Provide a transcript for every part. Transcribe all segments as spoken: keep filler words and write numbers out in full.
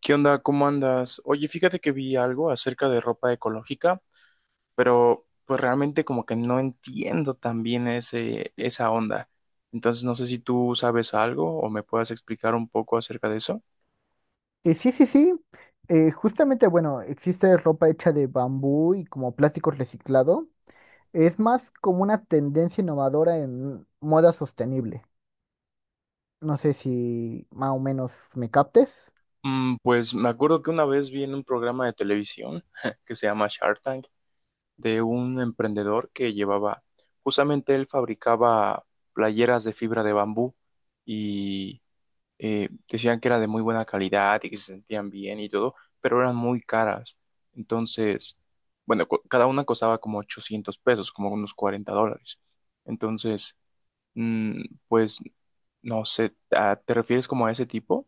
¿Qué onda? ¿Cómo andas? Oye, fíjate que vi algo acerca de ropa ecológica, pero pues realmente como que no entiendo tan bien ese, esa onda. Entonces no sé si tú sabes algo o me puedas explicar un poco acerca de eso. Eh, sí, sí, sí. Eh, justamente, bueno, existe ropa hecha de bambú y como plástico reciclado. Es más como una tendencia innovadora en moda sostenible. No sé si más o menos me captes. Mm, pues me acuerdo que una vez vi en un programa de televisión que se llama Shark Tank de un emprendedor que llevaba, justamente él fabricaba playeras de fibra de bambú y eh, decían que era de muy buena calidad y que se sentían bien y todo, pero eran muy caras. Entonces, bueno, co- cada una costaba como ochocientos pesos, como unos cuarenta dólares. Entonces, mm, pues, no sé, ¿a- ¿te refieres como a ese tipo?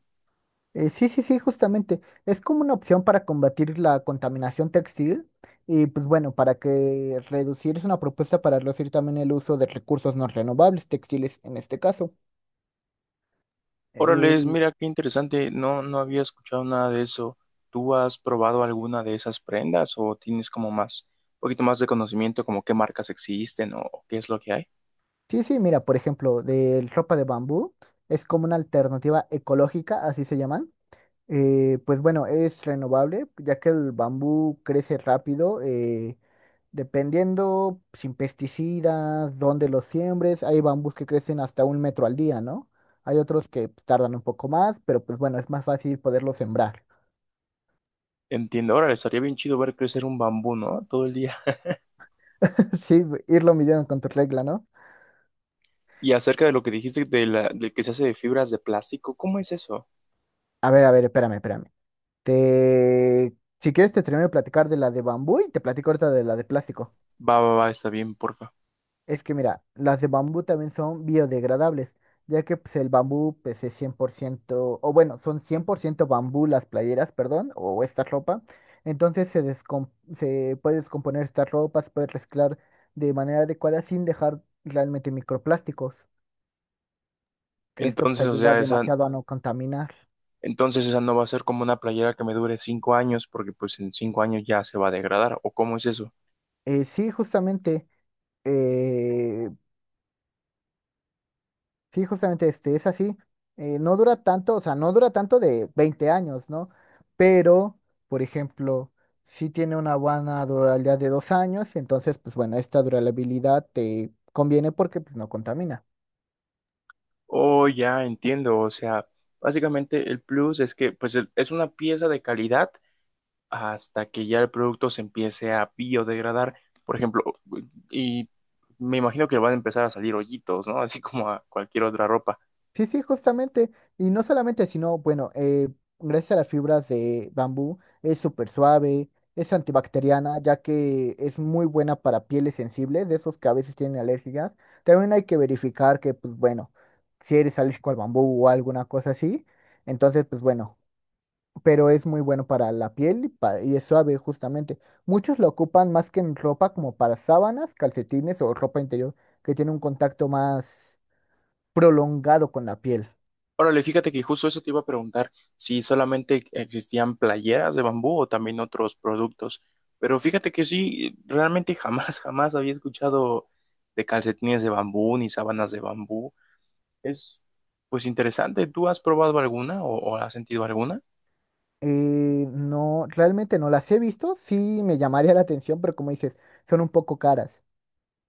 Eh, sí, sí, sí, justamente. Es como una opción para combatir la contaminación textil y pues bueno, para que reducir es una propuesta para reducir también el uso de recursos no renovables, textiles en este caso. Órales, Eh, mira qué interesante, no, no había escuchado nada de eso. ¿Tú has probado alguna de esas prendas o tienes como más, un poquito más de conocimiento como qué marcas existen o qué es lo que hay? Sí, sí, mira, por ejemplo, de ropa de bambú, es como una alternativa ecológica, así se llaman. Eh, pues bueno, es renovable, ya que el bambú crece rápido, eh, dependiendo sin pesticidas, dónde los siembres. Hay bambús que crecen hasta un metro al día, ¿no? Hay otros que pues, tardan un poco más, pero pues bueno, es más fácil poderlo sembrar. Entiendo, ahora estaría bien chido ver crecer un bambú, ¿no? Todo el día. Sí, irlo midiendo con tu regla, ¿no? Y acerca de lo que dijiste de la, del que se hace de fibras de plástico, ¿cómo es eso? A ver, a ver, espérame, espérame. Te... Si quieres, te termino de platicar de la de bambú y te platico ahorita de la de plástico. Va, va, va, está bien, porfa. Es que mira, las de bambú también son biodegradables, ya que pues, el bambú pues, es cien por ciento, o bueno, son cien por ciento bambú las playeras, perdón, o esta ropa. Entonces se, descom- se puede descomponer estas ropas, se puede reciclar de manera adecuada sin dejar realmente microplásticos, que esto Entonces, pues, o ayuda Mm. sea, esa, demasiado a no contaminar. entonces esa no va a ser como una playera que me dure cinco años, porque pues en cinco años ya se va a degradar, ¿o cómo es eso? Eh, sí, justamente. eh, Sí, justamente, este, es así. Eh, no dura tanto, o sea, no dura tanto de veinte años, ¿no? Pero, por ejemplo, sí tiene una buena durabilidad de dos años, entonces, pues bueno, esta durabilidad te conviene porque pues, no contamina. Oh, ya entiendo, o sea, básicamente el plus es que pues el- es una pieza de calidad hasta que ya el producto se empiece a biodegradar, por ejemplo, y me imagino que van a empezar a salir hoyitos, ¿no? Así como a cualquier otra ropa. Sí, sí, justamente. Y no solamente, sino, bueno, eh, gracias a las fibras de bambú, es súper suave, es antibacteriana, ya que es muy buena para pieles sensibles, de esos que a veces tienen alergias. También hay que verificar que, pues bueno, si eres alérgico al bambú o alguna cosa así, entonces, pues bueno, pero es muy bueno para la piel y, pa- y es suave, justamente. Muchos lo ocupan más que en ropa, como para sábanas, calcetines o ropa interior, que tiene un contacto más prolongado con la piel. Órale, fíjate que justo eso te iba a preguntar, si solamente existían playeras de bambú o también otros productos. Pero fíjate que sí, realmente jamás, jamás había escuchado de calcetines de bambú ni sábanas de bambú. Es pues interesante. ¿Tú has probado alguna o, o has sentido alguna? Eh, no, realmente no las he visto, sí me llamaría la atención, pero como dices, son un poco caras.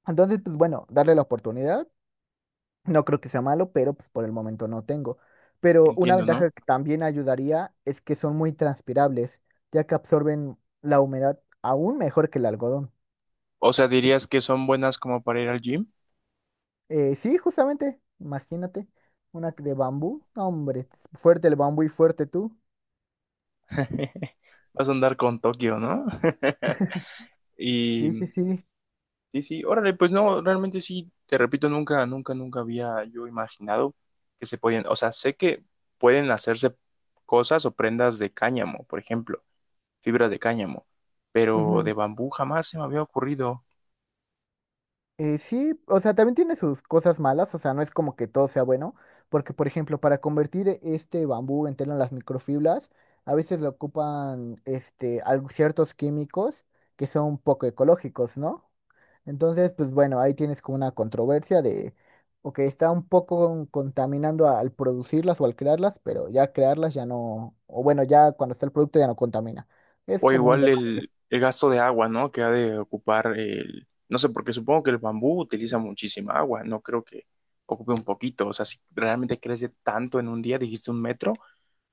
Entonces, pues bueno, darle la oportunidad, no creo que sea malo, pero pues por el momento no tengo. Pero una Entiendo, ¿no? ventaja que también ayudaría es que son muy transpirables, ya que absorben la humedad aún mejor que el algodón. O sea, dirías que son buenas como para ir al gym. Eh, sí, justamente, imagínate, una de bambú, no, hombre, fuerte el bambú y fuerte tú. Vas a andar con Tokio, ¿no? Y Sí, sí, sí. sí, sí, órale, pues no, realmente sí, te repito, nunca, nunca, nunca había yo imaginado que se podían, o sea, sé que pueden hacerse cosas o prendas de cáñamo, por ejemplo, fibra de cáñamo, pero de Ujú. bambú jamás se me había ocurrido. Eh, sí, o sea, también tiene sus cosas malas, o sea, no es como que todo sea bueno, porque por ejemplo, para convertir e- este bambú en tela en las microfibras, a veces le ocupan este al- ciertos químicos que son poco ecológicos, ¿no? Entonces, pues bueno, ahí tienes como una controversia de, ok, está un poco contaminando al producirlas o al crearlas, pero ya crearlas ya no, o bueno, ya cuando está el producto ya no contamina. Es O como un igual debate. el, el gasto de agua, ¿no? Que ha de ocupar el... No sé, porque supongo que el bambú utiliza muchísima agua, no creo que ocupe un poquito. O sea, si realmente crece tanto en un día, dijiste un metro,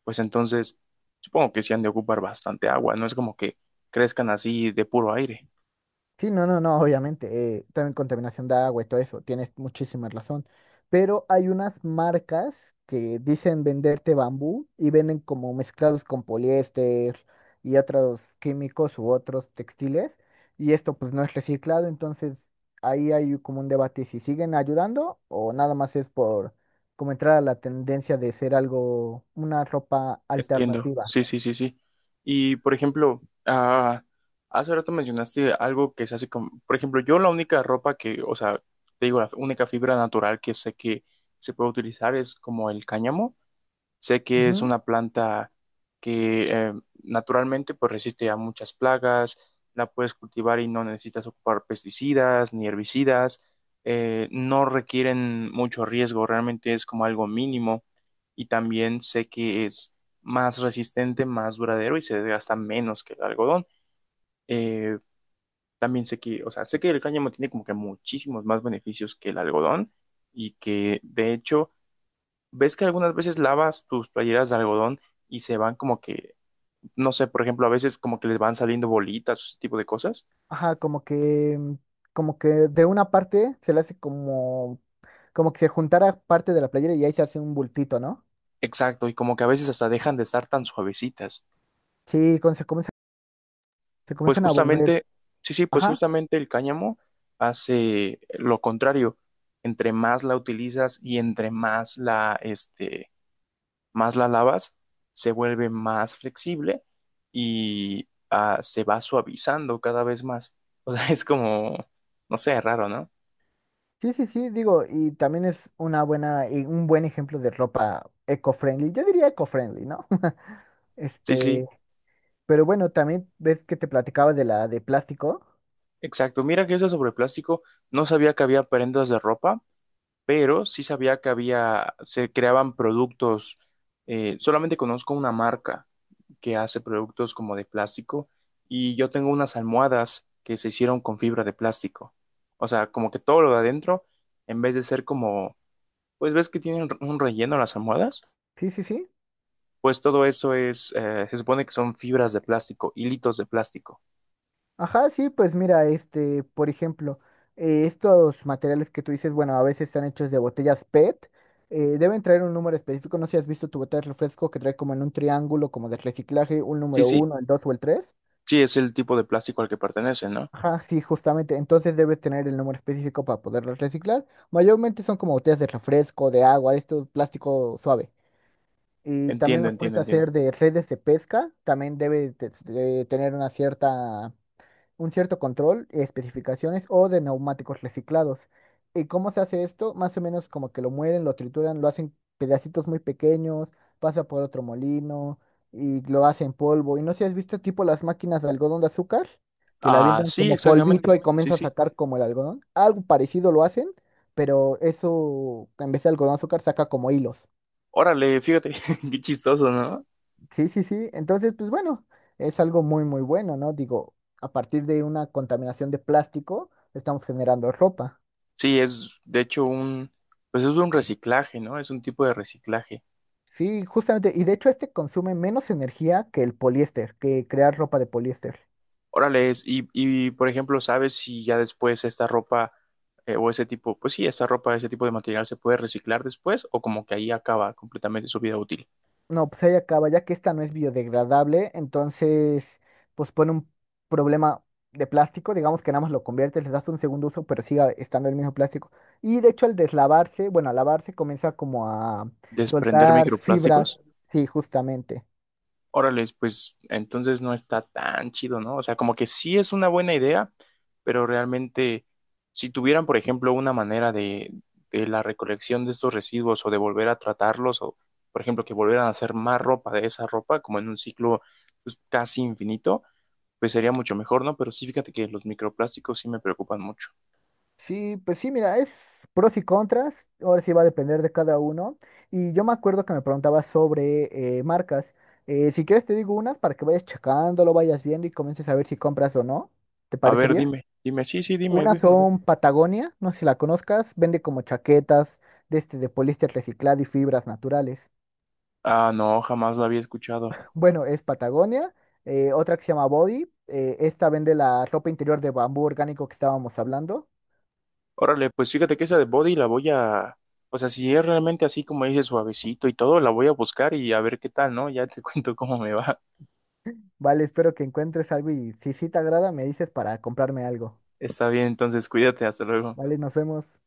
pues entonces supongo que sí han de ocupar bastante agua, no es como que crezcan así de puro aire. Sí, no, no, no, obviamente. Eh, también contaminación de agua y todo eso, tienes muchísima razón. Pero hay unas marcas que dicen venderte bambú y venden como mezclados con poliéster y otros químicos u otros textiles. Y esto pues no es reciclado, entonces ahí hay como un debate si siguen ayudando o nada más es por como entrar a la tendencia de ser algo, una ropa Entiendo, alternativa. sí, sí, sí, sí. Y por ejemplo, ah, hace rato mencionaste algo que se hace con, por ejemplo, yo la única ropa que, o sea, te digo, la única fibra natural que sé que se puede utilizar es como el cáñamo. Sé que es una planta que eh, naturalmente pues resiste a muchas plagas, la puedes cultivar y no necesitas ocupar pesticidas ni herbicidas, eh, no requieren mucho riesgo, realmente es como algo mínimo y también sé que es más resistente, más duradero y se desgasta menos que el algodón. Eh, También sé que, o sea, sé que el cáñamo tiene como que muchísimos más beneficios que el algodón y que de hecho ¿ves que algunas veces lavas tus playeras de algodón y se van como que, no sé, por ejemplo, a veces como que les van saliendo bolitas o ese tipo de cosas? Ajá, como que, mm, como que de una parte se le hace como, como que se juntara parte de la playera y ahí se hace un bultito, ¿no? Exacto, y como que a veces hasta dejan de estar tan suavecitas. Sí, cuando se comienza- se Pues comienzan a volver. justamente, sí, sí, pues Ajá. justamente el cáñamo hace lo contrario. Entre más la utilizas y entre más la, este, más la lavas, se vuelve más flexible y ah, se va suavizando cada vez más. O sea, es como, no sé, raro, ¿no? Sí, sí, sí, digo, y también es una buena, y un buen ejemplo de ropa eco-friendly. Yo diría eco-friendly, ¿no? Sí, sí. Este, pero bueno, también ves que te platicaba de la de plástico. Exacto, mira que eso sobre plástico, no sabía que había prendas de ropa, pero sí sabía que había, se creaban productos, eh, solamente conozco una marca que hace productos como de plástico y yo tengo unas almohadas que se hicieron con fibra de plástico. O sea, como que todo lo de adentro, en vez de ser como, pues ves que tienen un relleno las almohadas, Sí, sí, sí. pues todo eso es, eh, se supone que son fibras de plástico, hilitos de plástico. Ajá, sí, pues mira, este, por ejemplo, eh, estos materiales que tú dices, bueno, a veces están hechos de botellas PET, eh, deben traer un número específico, no sé si has visto tu botella de refresco que trae como en un triángulo, como de reciclaje, un Sí, número sí, uno, el dos o el tres. sí, es el tipo de plástico al que pertenecen, ¿no? Ajá, sí, justamente, entonces debe tener el número específico para poderlo reciclar. Mayormente son como botellas de refresco, de agua, de estos plástico suave. Y también Entiendo, los entiendo, puedes entiendo. hacer de redes de pesca, también debe de- de tener una cierta un cierto control, especificaciones o de neumáticos reciclados. ¿Y cómo se hace esto? Más o menos como que lo muelen, lo trituran, lo hacen pedacitos muy pequeños, pasa por otro molino y lo hacen polvo. Y no sé si has visto tipo las máquinas de algodón de azúcar, que la Ah, avientan sí, como polvito exactamente. y Sí, comienza a sí. sacar como el algodón. Algo parecido lo hacen, pero eso en vez de algodón de azúcar saca como hilos. Órale, fíjate, qué chistoso, ¿no? Sí, sí, sí. Entonces, pues bueno, es algo muy, muy bueno, ¿no? Digo, a partir de una contaminación de plástico, estamos generando ropa. Sí, es de hecho un, pues es un reciclaje, ¿no? Es un tipo de reciclaje. Sí, justamente. Y de hecho, este consume menos energía que el poliéster, que crear ropa de poliéster. Órale, es, y, y por ejemplo, ¿sabes si ya después esta ropa eh, o ese tipo, pues sí, esta ropa, ese tipo de material se puede reciclar después o como que ahí acaba completamente su vida útil? No, pues ahí acaba, ya que esta no es biodegradable, entonces, pues pone un problema de plástico, digamos que nada más lo conviertes, le das un segundo uso, pero sigue estando el mismo plástico. Y de hecho, al deslavarse, bueno, al lavarse comienza como a ¿Desprender soltar fibras, microplásticos? sí, justamente. Órales, pues entonces no está tan chido, ¿no? O sea, como que sí es una buena idea, pero realmente si tuvieran, por ejemplo, una manera de, de la recolección de estos residuos o de volver a tratarlos o, por ejemplo, que volvieran a hacer más ropa de esa ropa, como en un ciclo pues, casi infinito, pues sería mucho mejor, ¿no? Pero sí, fíjate que los microplásticos sí me preocupan mucho. Sí, pues sí, mira, es pros y contras, ahora sí va a depender de cada uno. Y yo me acuerdo que me preguntabas sobre eh, marcas. Eh, si quieres te digo unas para que vayas checándolo, vayas viendo y comiences a ver si compras o no. ¿Te A ver, parecería? dime, dime, sí, sí, dime. Ve, Unas a ver. son Patagonia, no sé si la conozcas, vende como chaquetas de, este, de poliéster reciclado y fibras naturales. Ah, no, jamás lo había escuchado. Bueno, es Patagonia. Eh, otra que se llama Body, eh, esta vende la ropa interior de bambú orgánico que estábamos hablando. Órale, pues fíjate que esa de Body la voy a, o sea, si es realmente así como dice suavecito y todo, la voy a buscar y a ver qué tal, ¿no? Ya te cuento cómo me va. Vale, espero que encuentres algo y si sí te agrada, me dices para comprarme algo. Está bien, entonces cuídate, hasta luego. Vale, nos vemos.